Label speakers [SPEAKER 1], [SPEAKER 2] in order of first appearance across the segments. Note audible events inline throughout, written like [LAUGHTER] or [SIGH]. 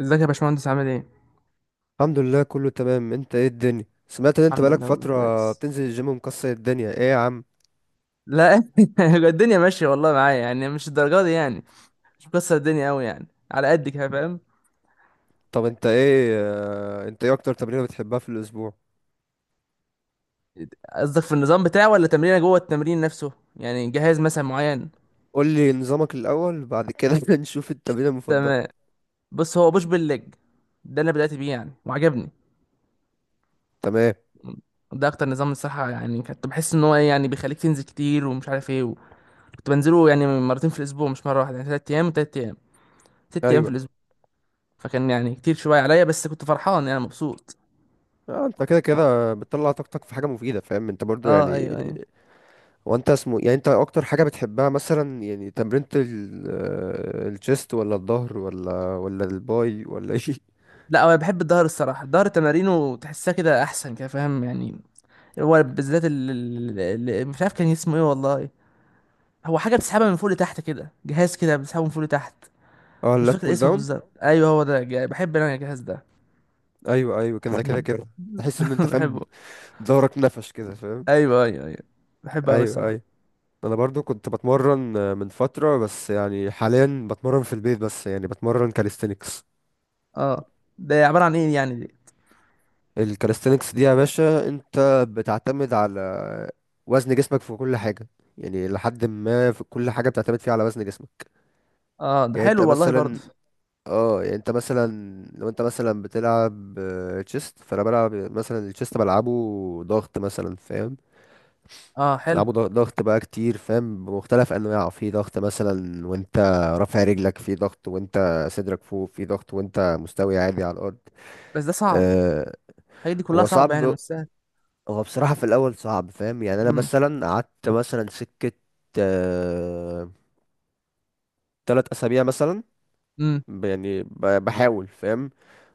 [SPEAKER 1] ازيك يا باشمهندس، عامل ايه؟
[SPEAKER 2] الحمد لله كله تمام. انت ايه الدنيا؟ سمعت ان انت
[SPEAKER 1] الحمد
[SPEAKER 2] بقالك
[SPEAKER 1] لله وانا
[SPEAKER 2] فترة
[SPEAKER 1] كويس.
[SPEAKER 2] بتنزل الجيم ومكسر الدنيا، ايه يا عم؟
[SPEAKER 1] لا [LAUGHS] الدنيا ماشية والله معايا، يعني مش الدرجة دي يعني. مش مكسر الدنيا قوي يعني، على قد كده فاهم.
[SPEAKER 2] طب انت ايه اكتر تمرينة بتحبها في الاسبوع؟
[SPEAKER 1] قصدك في النظام بتاعه ولا تمرينه جوه التمرين نفسه، يعني جهاز مثلا معين؟
[SPEAKER 2] قول لي نظامك الاول بعد كده [LAUGHS] نشوف التمرينة المفضلة.
[SPEAKER 1] تمام. بص، هو بوش بالليج. ده اللي بدأت بيه يعني وعجبني.
[SPEAKER 2] تمام.
[SPEAKER 1] ده اكتر نظام الصراحة، يعني كنت بحس ان هو ايه يعني بيخليك تنزل كتير ومش عارف ايه. كنت بنزله يعني مرتين في الاسبوع مش مرة واحدة، يعني تلات ايام وتلات ايام، ست ايام في
[SPEAKER 2] ايوه.
[SPEAKER 1] الاسبوع. فكان يعني كتير شوية عليا، بس كنت فرحان يعني مبسوط.
[SPEAKER 2] اه، انت كده كده بتطلع طاقتك في حاجة مفيدة، فاهم انت برضو
[SPEAKER 1] اه
[SPEAKER 2] يعني.
[SPEAKER 1] ايوه ايوه.
[SPEAKER 2] وانت اسمه يعني، انت اكتر حاجة بتحبها مثلا، يعني تمرينة الشيست ولا الظهر ولا الباي ولا ايه؟
[SPEAKER 1] لا هو بحب الظهر الصراحه، الظهر تمارينه تحسها كده احسن كده فاهم يعني. هو بالذات مش عارف كان اسمه ايه والله. هو حاجه بتسحبها من فوق لتحت كده، جهاز كده بتسحبه من فوق لتحت.
[SPEAKER 2] [LAUGHS] اه،
[SPEAKER 1] مش
[SPEAKER 2] اللات
[SPEAKER 1] فاكر
[SPEAKER 2] بول
[SPEAKER 1] اسمه
[SPEAKER 2] داون.
[SPEAKER 1] بالظبط. ايوه هو ده، بحب انا الجهاز ده.
[SPEAKER 2] ايوه ايوه، كده كده
[SPEAKER 1] مم.
[SPEAKER 2] كده، [LAUGHS] تحس ان
[SPEAKER 1] [LAUGHS]
[SPEAKER 2] انت فاهم.
[SPEAKER 1] بحبه.
[SPEAKER 2] ظهرك نفش كده فاهم.
[SPEAKER 1] ايوه ايوه ايوه، بحبه قوي
[SPEAKER 2] ايوه
[SPEAKER 1] الصراحه.
[SPEAKER 2] ايوه. انا برضو كنت بتمرن من فتره، بس يعني حاليا بتمرن في البيت بس، يعني بتمرن كاليستينكس.
[SPEAKER 1] اه، ده عباره عن ايه يعني دي؟
[SPEAKER 2] الكاليستينكس دي يا باشا انت بتعتمد على وزن جسمك في كل حاجه، يعني لحد ما في كل حاجه بتعتمد فيها على وزن جسمك.
[SPEAKER 1] اه ده
[SPEAKER 2] يعني انت
[SPEAKER 1] حلو والله برضه.
[SPEAKER 2] مثلا، اه يعني انت مثلا لو انت مثلا بتلعب تشيست، فانا بلعب مثلا التشيست، بلعبه ضغط مثلا فاهم.
[SPEAKER 1] اه حلو،
[SPEAKER 2] تلعبوا ضغط بقى كتير فاهم، بمختلف انواعه، في ضغط مثلا وانت رافع رجلك، في ضغط وانت صدرك فوق، في ضغط وانت مستوي عادي على الارض.
[SPEAKER 1] بس ده صعب.
[SPEAKER 2] أه.
[SPEAKER 1] الحاجات دي كلها
[SPEAKER 2] هو
[SPEAKER 1] صعبه يعني
[SPEAKER 2] صعب
[SPEAKER 1] مش سهل.
[SPEAKER 2] هو بصراحة في الاول صعب فاهم، يعني انا
[SPEAKER 1] امم.
[SPEAKER 2] مثلا قعدت مثلا سكة، أه 3 اسابيع مثلا،
[SPEAKER 1] امم.
[SPEAKER 2] يعني بحاول فاهم.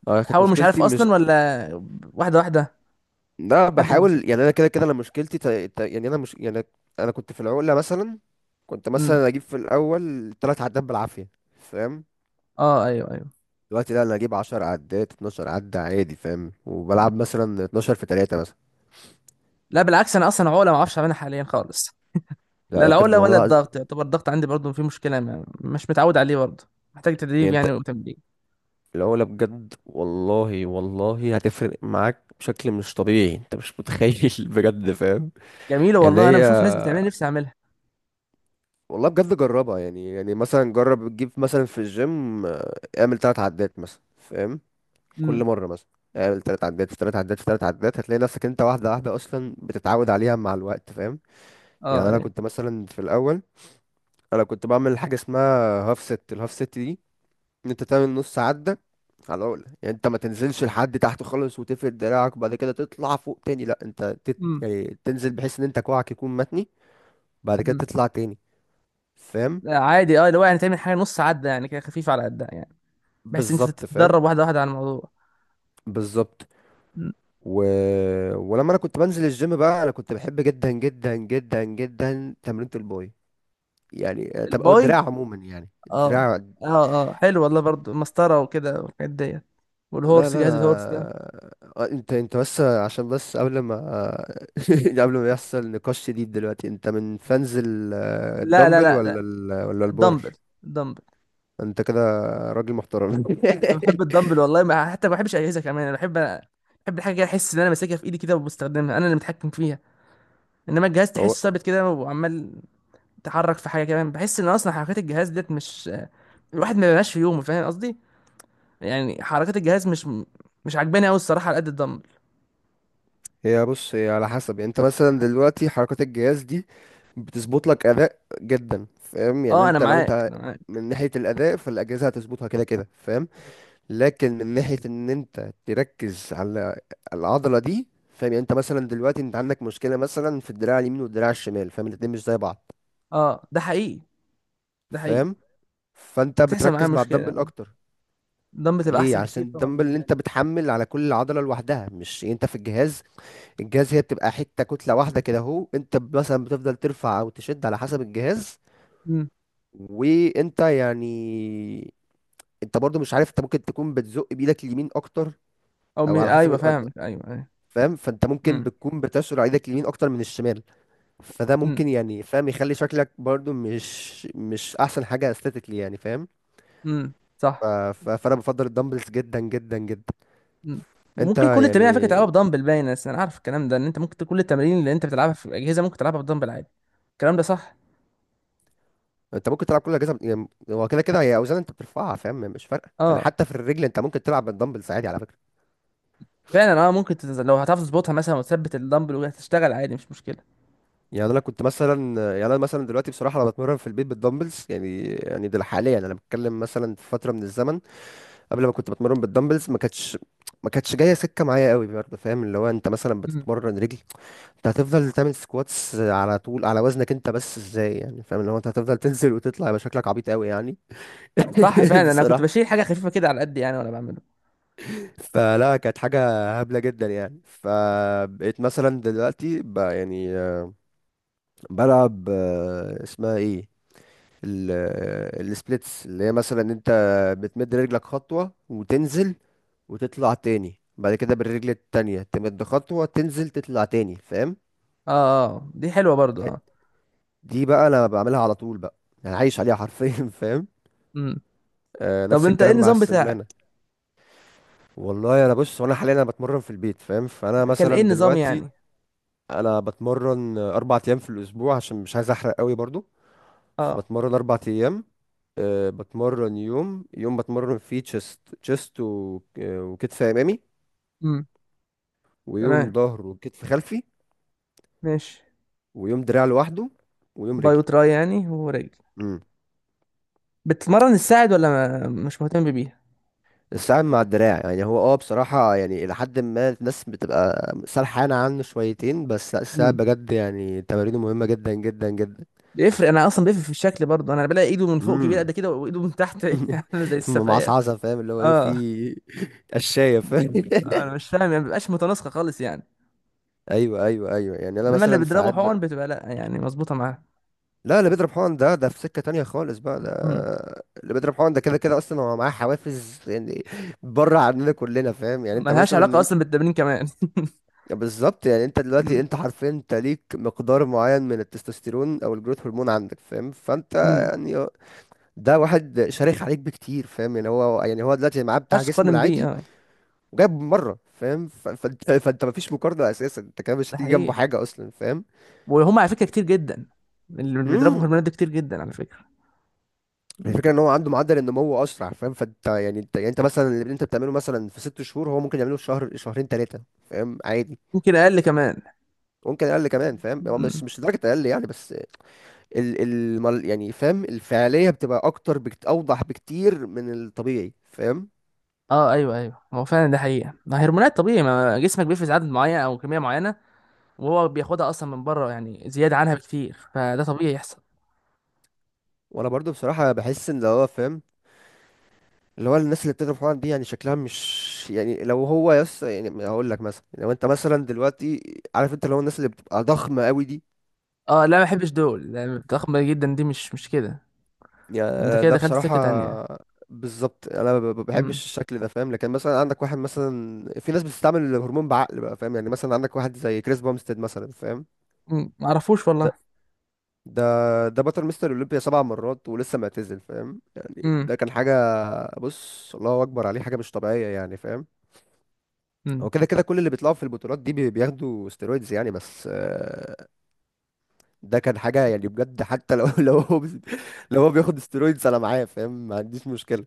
[SPEAKER 2] اه، كانت
[SPEAKER 1] بتحاول مش عارف
[SPEAKER 2] مشكلتي مش،
[SPEAKER 1] اصلا ولا، واحده واحده
[SPEAKER 2] لا
[SPEAKER 1] لحد ما اوصل.
[SPEAKER 2] بحاول يعني، انا كده كده انا مشكلتي يعني انا مش يعني، انا كنت في العقلة مثلا، كنت مثلا اجيب في الاول 3 عدات بالعافية فاهم.
[SPEAKER 1] اه ايوه ايوه.
[SPEAKER 2] دلوقتي لا، انا اجيب 10 عدات، 12 عدة عادي فاهم، وبلعب مثلا 12 في 3 مثلا.
[SPEAKER 1] لا بالعكس، انا اصلا عقله ما اعرفش اعملها حاليا خالص.
[SPEAKER 2] لا
[SPEAKER 1] لا
[SPEAKER 2] لا، بجد
[SPEAKER 1] العقله
[SPEAKER 2] والله
[SPEAKER 1] ولا
[SPEAKER 2] العظيم.
[SPEAKER 1] الضغط، يعتبر الضغط عندي برضه فيه مشكله، ما مش متعود عليه برضه، محتاج تدريب
[SPEAKER 2] يعني انت،
[SPEAKER 1] يعني وتمرين.
[SPEAKER 2] العقلة بجد والله هتفرق معاك بشكل مش طبيعي، انت مش متخيل. [LAUGHS] بجد فاهم.
[SPEAKER 1] جميله
[SPEAKER 2] يعني
[SPEAKER 1] والله، انا
[SPEAKER 2] هي،
[SPEAKER 1] بشوف ناس بتعملها نفسي اعملها.
[SPEAKER 2] والله بجد جربها يعني مثلا جرب تجيب مثلا في الجيم، اعمل 3 عدات مثلا فاهم،
[SPEAKER 1] امم.
[SPEAKER 2] كل مرة مثلا. اعمل 3 عدات في 3 عدات في 3 عدات، هتلاقي نفسك انت واحدة واحدة اصلا بتتعود عليها مع الوقت فاهم. يعني
[SPEAKER 1] اه
[SPEAKER 2] انا
[SPEAKER 1] ايوه.
[SPEAKER 2] كنت مثلا في الاول، انا كنت بعمل حاجه اسمها هاف ست. الهاف ست دي ان انت تعمل نص عده على العقله، يعني انت ما تنزلش لحد تحت خالص وتفرد دراعك وبعد كده تطلع فوق تاني، لا انت
[SPEAKER 1] امم.
[SPEAKER 2] يعني تنزل بحيث ان انت كوعك يكون متني، بعد كده
[SPEAKER 1] امم.
[SPEAKER 2] تطلع تاني فاهم.
[SPEAKER 1] لا، عادي اه، اللي هو يعني تعمل حاجه نص عده يعني، كده خفيفه على قدها يعني، بحيث انت
[SPEAKER 2] بالظبط فاهم.
[SPEAKER 1] تتدرب واحده واحده على الموضوع.
[SPEAKER 2] بالظبط.
[SPEAKER 1] مم.
[SPEAKER 2] و... ولما انا كنت بنزل الجيم بقى، انا كنت بحب جدا جدا جدا جدا تمرينة الباي، يعني طب او الدراع
[SPEAKER 1] الباي.
[SPEAKER 2] عموما، يعني
[SPEAKER 1] اه
[SPEAKER 2] الدراع.
[SPEAKER 1] اه اه حلو والله برضه مسطره وكده والحاجات ديت
[SPEAKER 2] لا
[SPEAKER 1] والهورس
[SPEAKER 2] لا
[SPEAKER 1] جهاز الهورس ده
[SPEAKER 2] لا. انت بس، عشان بس قبل ما، [LAUGHS] قبل ما يحصل نقاش شديد دلوقتي، انت من فانز
[SPEAKER 1] لا لا
[SPEAKER 2] الدمبل
[SPEAKER 1] لا لا
[SPEAKER 2] ولا ولا البار؟
[SPEAKER 1] الدمبل الدمبل
[SPEAKER 2] انت كده راجل محترم. [LAUGHS]
[SPEAKER 1] انا بحب الدمبل والله ما حتى ما بحبش اجهزه كمان انا بحب بحب الحاجه كده احس ان انا ماسكها في ايدي كده وبستخدمها انا اللي متحكم فيها انما الجهاز
[SPEAKER 2] هو
[SPEAKER 1] تحسه ثابت كده وعمال تحرك في حاجه كمان بحس ان اصلا حركات الجهاز ديت مش الواحد ما بيبقاش في يومه فاهم قصدي يعني حركات الجهاز مش مش عجباني قوي الصراحه على قد الدمبل
[SPEAKER 2] هي بص، هي على حسب يعني، انت مثلا دلوقتي حركات الجهاز دي بتظبط لك اداء جدا فاهم، يعني
[SPEAKER 1] اه انا
[SPEAKER 2] انت لو
[SPEAKER 1] معاك
[SPEAKER 2] انت
[SPEAKER 1] انا معاك
[SPEAKER 2] من ناحية الاداء، فالاجهزة هتظبطها كده كده فاهم. لكن من ناحية ان انت تركز على العضلة دي، فاهم، يعني انت مثلا دلوقتي انت عندك مشكلة مثلا في الدراع اليمين والدراع الشمال فاهم، الاتنين مش زي بعض
[SPEAKER 1] اه ده حقيقي ده حقيقي
[SPEAKER 2] فاهم. فانت
[SPEAKER 1] بتحصل معايا
[SPEAKER 2] بتركز مع
[SPEAKER 1] مشكله
[SPEAKER 2] الدمبل
[SPEAKER 1] يعني
[SPEAKER 2] اكتر.
[SPEAKER 1] الدمبل تبقى
[SPEAKER 2] ليه؟
[SPEAKER 1] احسن
[SPEAKER 2] عشان
[SPEAKER 1] بكتير طبعا
[SPEAKER 2] الدمبل اللي
[SPEAKER 1] بالنسبه لي
[SPEAKER 2] انت بتحمل على كل عضلة لوحدها، مش يعني انت في الجهاز. الجهاز هي بتبقى حتة كتلة واحدة كده اهو، انت مثلا بتفضل ترفع او تشد على حسب الجهاز.
[SPEAKER 1] امم
[SPEAKER 2] وانت يعني، انت برضو مش عارف، انت ممكن تكون بتزق بايدك اليمين اكتر،
[SPEAKER 1] او م...
[SPEAKER 2] او على
[SPEAKER 1] ايوه
[SPEAKER 2] حسب
[SPEAKER 1] فاهم ايوه ايوه
[SPEAKER 2] فاهم. فانت ممكن
[SPEAKER 1] امم
[SPEAKER 2] بتكون بتشعر ايدك اليمين اكتر من الشمال، فده
[SPEAKER 1] امم
[SPEAKER 2] ممكن يعني فاهم يخلي شكلك برضو مش احسن حاجه استاتيكلي يعني فاهم.
[SPEAKER 1] صح
[SPEAKER 2] فانا بفضل الدمبلز جدا جدا جدا.
[SPEAKER 1] مم.
[SPEAKER 2] انت
[SPEAKER 1] وممكن كل التمارين على فكره
[SPEAKER 2] يعني،
[SPEAKER 1] تلعبها بدمبل باين بس انا عارف الكلام ده ان انت ممكن كل التمارين اللي انت بتلعبها في الاجهزه ممكن تلعبها بدمبل عادي الكلام ده صح
[SPEAKER 2] انت ممكن تلعب كل الاجهزه، يعني هو كده كده هي اوزان انت بترفعها فاهم، مش فارقه يعني.
[SPEAKER 1] اه
[SPEAKER 2] حتى في الرجل انت ممكن تلعب بالدمبلز عادي على فكره.
[SPEAKER 1] فعلا اه ممكن تتز... لو هتعرف تظبطها مثلا وتثبت الدمبل وهتشتغل عادي مش مشكله
[SPEAKER 2] يعني انا كنت مثلا، يعني انا مثلا دلوقتي بصراحه انا بتمرن في البيت بالدمبلز يعني ده حاليا، انا بتكلم مثلا في فتره من الزمن. قبل ما كنت بتمرن بالدمبلز، ما كانتش جايه سكه معايا قوي برضه فاهم. اللي هو انت مثلا
[SPEAKER 1] مم.
[SPEAKER 2] بتتمرن رجل، انت هتفضل تعمل سكواتس على طول على وزنك انت بس، ازاي يعني فاهم؟ اللي هو انت هتفضل تنزل وتطلع، يبقى شكلك عبيط قوي يعني
[SPEAKER 1] صح
[SPEAKER 2] [LAUGHS]
[SPEAKER 1] فعلا انا كنت
[SPEAKER 2] بصراحه.
[SPEAKER 1] بشيل حاجه خفيفه كده على قد يعني وانا بعمله
[SPEAKER 2] فلا، كانت حاجه هبله جدا يعني. فبقيت مثلا دلوقتي بلعب، اسمها ايه، السبليتس، اللي هي مثلا انت بتمد رجلك خطوة وتنزل وتطلع تاني، بعد كده بالرجل التانية تمد خطوة، تنزل تطلع تاني فاهم.
[SPEAKER 1] اه اه. آه، دي حلوه برضو اه.
[SPEAKER 2] دي بقى انا بعملها على طول بقى، انا عايش عليها حرفيا. [LAUGHS] فاهم.
[SPEAKER 1] مم. طب
[SPEAKER 2] نفس
[SPEAKER 1] انت ايه
[SPEAKER 2] الكلام مع
[SPEAKER 1] النظام بتاعك؟
[SPEAKER 2] السمانة. والله انا بص، وانا حاليا انا بتمرن في البيت فاهم، فانا
[SPEAKER 1] كان ايه
[SPEAKER 2] مثلا
[SPEAKER 1] النظام
[SPEAKER 2] دلوقتي
[SPEAKER 1] يعني؟
[SPEAKER 2] انا بتمرن 4 ايام في الاسبوع، عشان مش عايز احرق قوي برضو.
[SPEAKER 1] اه.
[SPEAKER 2] فبتمرن 4 ايام، بتمرن يوم يوم. بتمرن فيه تشيست وكتف امامي،
[SPEAKER 1] مم.
[SPEAKER 2] ويوم
[SPEAKER 1] تمام.
[SPEAKER 2] ظهر وكتف خلفي،
[SPEAKER 1] ماشي.
[SPEAKER 2] ويوم دراع لوحده، ويوم
[SPEAKER 1] باي
[SPEAKER 2] رجل.
[SPEAKER 1] وتراي يعني ورجل.
[SPEAKER 2] امم.
[SPEAKER 1] بتتمرن الساعد ولا ما... مش مهتم
[SPEAKER 2] الساعد مع الدراع يعني. هو بصراحة يعني، إلى حد ما الناس بتبقى سرحانة عنه شويتين، بس لا، الساعد
[SPEAKER 1] بيها؟
[SPEAKER 2] بجد يعني تمارينه مهمة جدا جدا جدا.
[SPEAKER 1] بيفرق، انا اصلا بيفرق في الشكل برضه، انا بلاقي ايده من فوق كبيره قد
[SPEAKER 2] امم.
[SPEAKER 1] كده وايده من تحت [LAUGHS] عامله زي
[SPEAKER 2] [LAUGHS]
[SPEAKER 1] السفايه.
[SPEAKER 2] معصعصة فاهم، اللي هو ايه،
[SPEAKER 1] اه،
[SPEAKER 2] في [LAUGHS] قشاية فاهم.
[SPEAKER 1] انا مش فاهم يعني، ما بيبقاش متناسقه خالص يعني.
[SPEAKER 2] [LAUGHS] ايوه ايوه ايوه، يعني انا
[SPEAKER 1] انما اللي
[SPEAKER 2] مثلا
[SPEAKER 1] بيضربه
[SPEAKER 2] ساعات.
[SPEAKER 1] حقن بتبقى لا يعني مظبوطه معاه.
[SPEAKER 2] لا، اللي بيضرب حقن ده في سكة تانية خالص بقى ده.
[SPEAKER 1] امم.
[SPEAKER 2] اللي بيضرب حقن ده كده كده اصلا هو معاه حوافز يعني، بره عننا كلنا فاهم، يعني
[SPEAKER 1] ملهاش علاقه
[SPEAKER 2] انت،
[SPEAKER 1] اصلا بالتمرين كمان [LAUGHS]
[SPEAKER 2] بالظبط. يعني انت دلوقتي،
[SPEAKER 1] امم.
[SPEAKER 2] انت حرفيا انت ليك مقدار معين من التستوستيرون او الجروث هرمون عندك فاهم، فانت
[SPEAKER 1] امم، ما
[SPEAKER 2] يعني، ده واحد شرخ عليك بكتير فاهم، يعني هو هو دلوقتي معاه بتاع
[SPEAKER 1] ينفعش
[SPEAKER 2] جسمه
[SPEAKER 1] تقارن بيه
[SPEAKER 2] العادي
[SPEAKER 1] اه.
[SPEAKER 2] وجايب مرة فاهم. فانت مفيش مقارنة اساسا، انت كده مش
[SPEAKER 1] ده
[SPEAKER 2] هتيجي جنبه
[SPEAKER 1] حقيقي.
[SPEAKER 2] حاجة اصلا
[SPEAKER 1] وهم على فكره كتير جدا، اللي بيضربوا
[SPEAKER 2] فاهم.
[SPEAKER 1] هرمونات ده كتير جدا على فكره. مم.
[SPEAKER 2] الفكره ان هو عنده معدل النمو اسرع فاهم، فانت يعني، انت انت مثلا اللي انت بتعمله مثلا في 6 شهور، هو ممكن يعمله في شهر شهرين ثلاثه فاهم عادي.
[SPEAKER 1] يمكن اقل كمان.
[SPEAKER 2] ممكن اقل كمان فاهم. هو
[SPEAKER 1] مم.
[SPEAKER 2] مش، لدرجه اقل يعني بس، يعني فاهم الفعاليه بتبقى اكتر، بكت اوضح بكتير من الطبيعي فاهم.
[SPEAKER 1] اه ايوه ايوه، هو فعلا ده حقيقه، ما هرمونات طبيعي ما جسمك بيفرز عدد معين او كميه معينه، وهو بياخدها اصلا من بره يعني زياده عنها بكتير، فده طبيعي يحصل.
[SPEAKER 2] وانا برضو بصراحه بحس ان اللي هو فاهم، اللي هو الناس اللي بتضرب حقن دي يعني شكلها مش يعني، لو هو يس يعني، هقول لك مثلا لو انت مثلا دلوقتي عارف، انت اللي هو الناس اللي بتبقى ضخمه قوي دي،
[SPEAKER 1] اه لا ما بحبش دول، لا، ضخمه جدا دي مش مش كده، انت
[SPEAKER 2] يعني
[SPEAKER 1] كده
[SPEAKER 2] ده
[SPEAKER 1] دخلت
[SPEAKER 2] بصراحة،
[SPEAKER 1] سكه تانية.
[SPEAKER 2] بالظبط، انا ما
[SPEAKER 1] امم.
[SPEAKER 2] بحبش الشكل ده فاهم. لكن مثلا عندك واحد مثلا، في ناس بتستعمل الهرمون بعقل بقى فاهم، يعني مثلا عندك واحد زي كريس بامستد مثلا فاهم.
[SPEAKER 1] أمم، ما اعرفوش
[SPEAKER 2] ده
[SPEAKER 1] والله.
[SPEAKER 2] ده ده بطل مستر اولمبيا 7 مرات ولسه معتزل فاهم، يعني
[SPEAKER 1] امم.
[SPEAKER 2] ده كان حاجة. بص الله اكبر عليه، حاجة مش طبيعية يعني فاهم.
[SPEAKER 1] امم.
[SPEAKER 2] هو كده كده كل اللي بيطلعوا في البطولات دي بياخدوا ستيرويدز يعني، بس ده كان حاجة يعني بجد. حتى لو [LAUGHS] لو هو لو هو بياخد ستيرويدز انا معاه فاهم، ما عنديش مشكلة.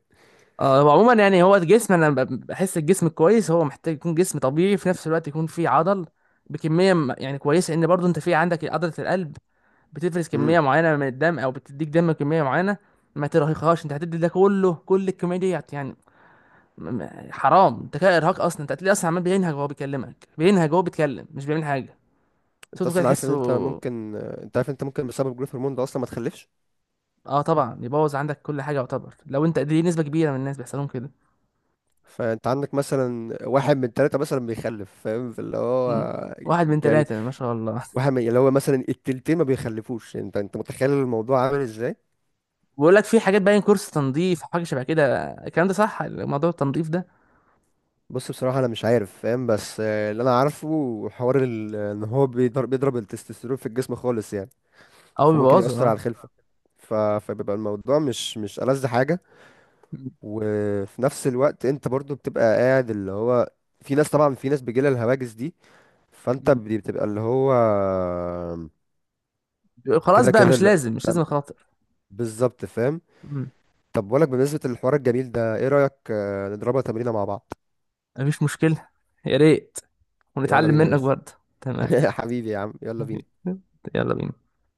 [SPEAKER 1] اه هو عموما يعني هو الجسم، انا بحس الجسم الكويس هو محتاج يكون جسم طبيعي، في نفس الوقت يكون فيه عضل بكميه يعني كويسه، ان برضو انت في عندك عضله القلب بتفرز
[SPEAKER 2] إمم.
[SPEAKER 1] كميه معينه من الدم او بتديك دم كميه معينه، ما ترهقهاش، انت هتدي ده كله كل الكميه دي يعني، حرام، انت كده ارهاق. اصلا انت هتلاقيه اصلا عمال بينهج وهو بيكلمك، بينهج وهو بيتكلم مش بيعمل حاجه،
[SPEAKER 2] انت
[SPEAKER 1] صوته كده
[SPEAKER 2] اصلا عارف ان
[SPEAKER 1] تحسه.
[SPEAKER 2] انت ممكن، انت عارف ان انت ممكن بسبب جروث هرمون ده اصلا ما تخلفش.
[SPEAKER 1] اه طبعا، يبوظ عندك كل حاجه يعتبر. لو انت دي نسبه كبيره من الناس بيحصلهم كده.
[SPEAKER 2] فانت عندك مثلا واحد من ثلاثة مثلا بيخلف فاهم، فاللي هو
[SPEAKER 1] مم. واحد من
[SPEAKER 2] يعني
[SPEAKER 1] ثلاثه، ما شاء الله
[SPEAKER 2] واحد
[SPEAKER 1] [LAUGHS]
[SPEAKER 2] من، اللي هو مثلا التلتين ما بيخلفوش. انت متخيل الموضوع عامل ازاي؟
[SPEAKER 1] بقول لك في حاجات باين كورس تنظيف، حاجه شبه كده، الكلام ده صح، موضوع التنظيف ده؟
[SPEAKER 2] بص بصراحة انا مش عارف فاهم، بس اللي انا عارفه حوار ان هو بيضرب، التستوستيرون في الجسم خالص يعني،
[SPEAKER 1] او
[SPEAKER 2] فممكن
[SPEAKER 1] بيبوظه
[SPEAKER 2] يأثر على
[SPEAKER 1] اه.
[SPEAKER 2] الخلفة. فبيبقى الموضوع مش، ألذ حاجة.
[SPEAKER 1] مم.
[SPEAKER 2] وفي نفس الوقت انت برضو بتبقى قاعد اللي هو، في ناس طبعا، في ناس بيجيلها الهواجس دي، فانت
[SPEAKER 1] مم.
[SPEAKER 2] بتبقى اللي هو
[SPEAKER 1] خلاص
[SPEAKER 2] كده
[SPEAKER 1] بقى،
[SPEAKER 2] كده،
[SPEAKER 1] مش لازم مش
[SPEAKER 2] بتبقى
[SPEAKER 1] لازم اخاطر.
[SPEAKER 2] بالظبط فاهم.
[SPEAKER 1] مم.
[SPEAKER 2] طب بقولك، بالنسبة للحوار الجميل ده ايه رأيك نضربها تمرينة مع بعض؟
[SPEAKER 1] مفيش مشكله، يا ريت،
[SPEAKER 2] يلا
[SPEAKER 1] ونتعلم
[SPEAKER 2] بينا يا
[SPEAKER 1] منك برضه. تمام.
[SPEAKER 2] باشا. [LAUGHS] حبيبي يا عم، يلا
[SPEAKER 1] [LAUGHS]
[SPEAKER 2] بينا.
[SPEAKER 1] يلا بينا.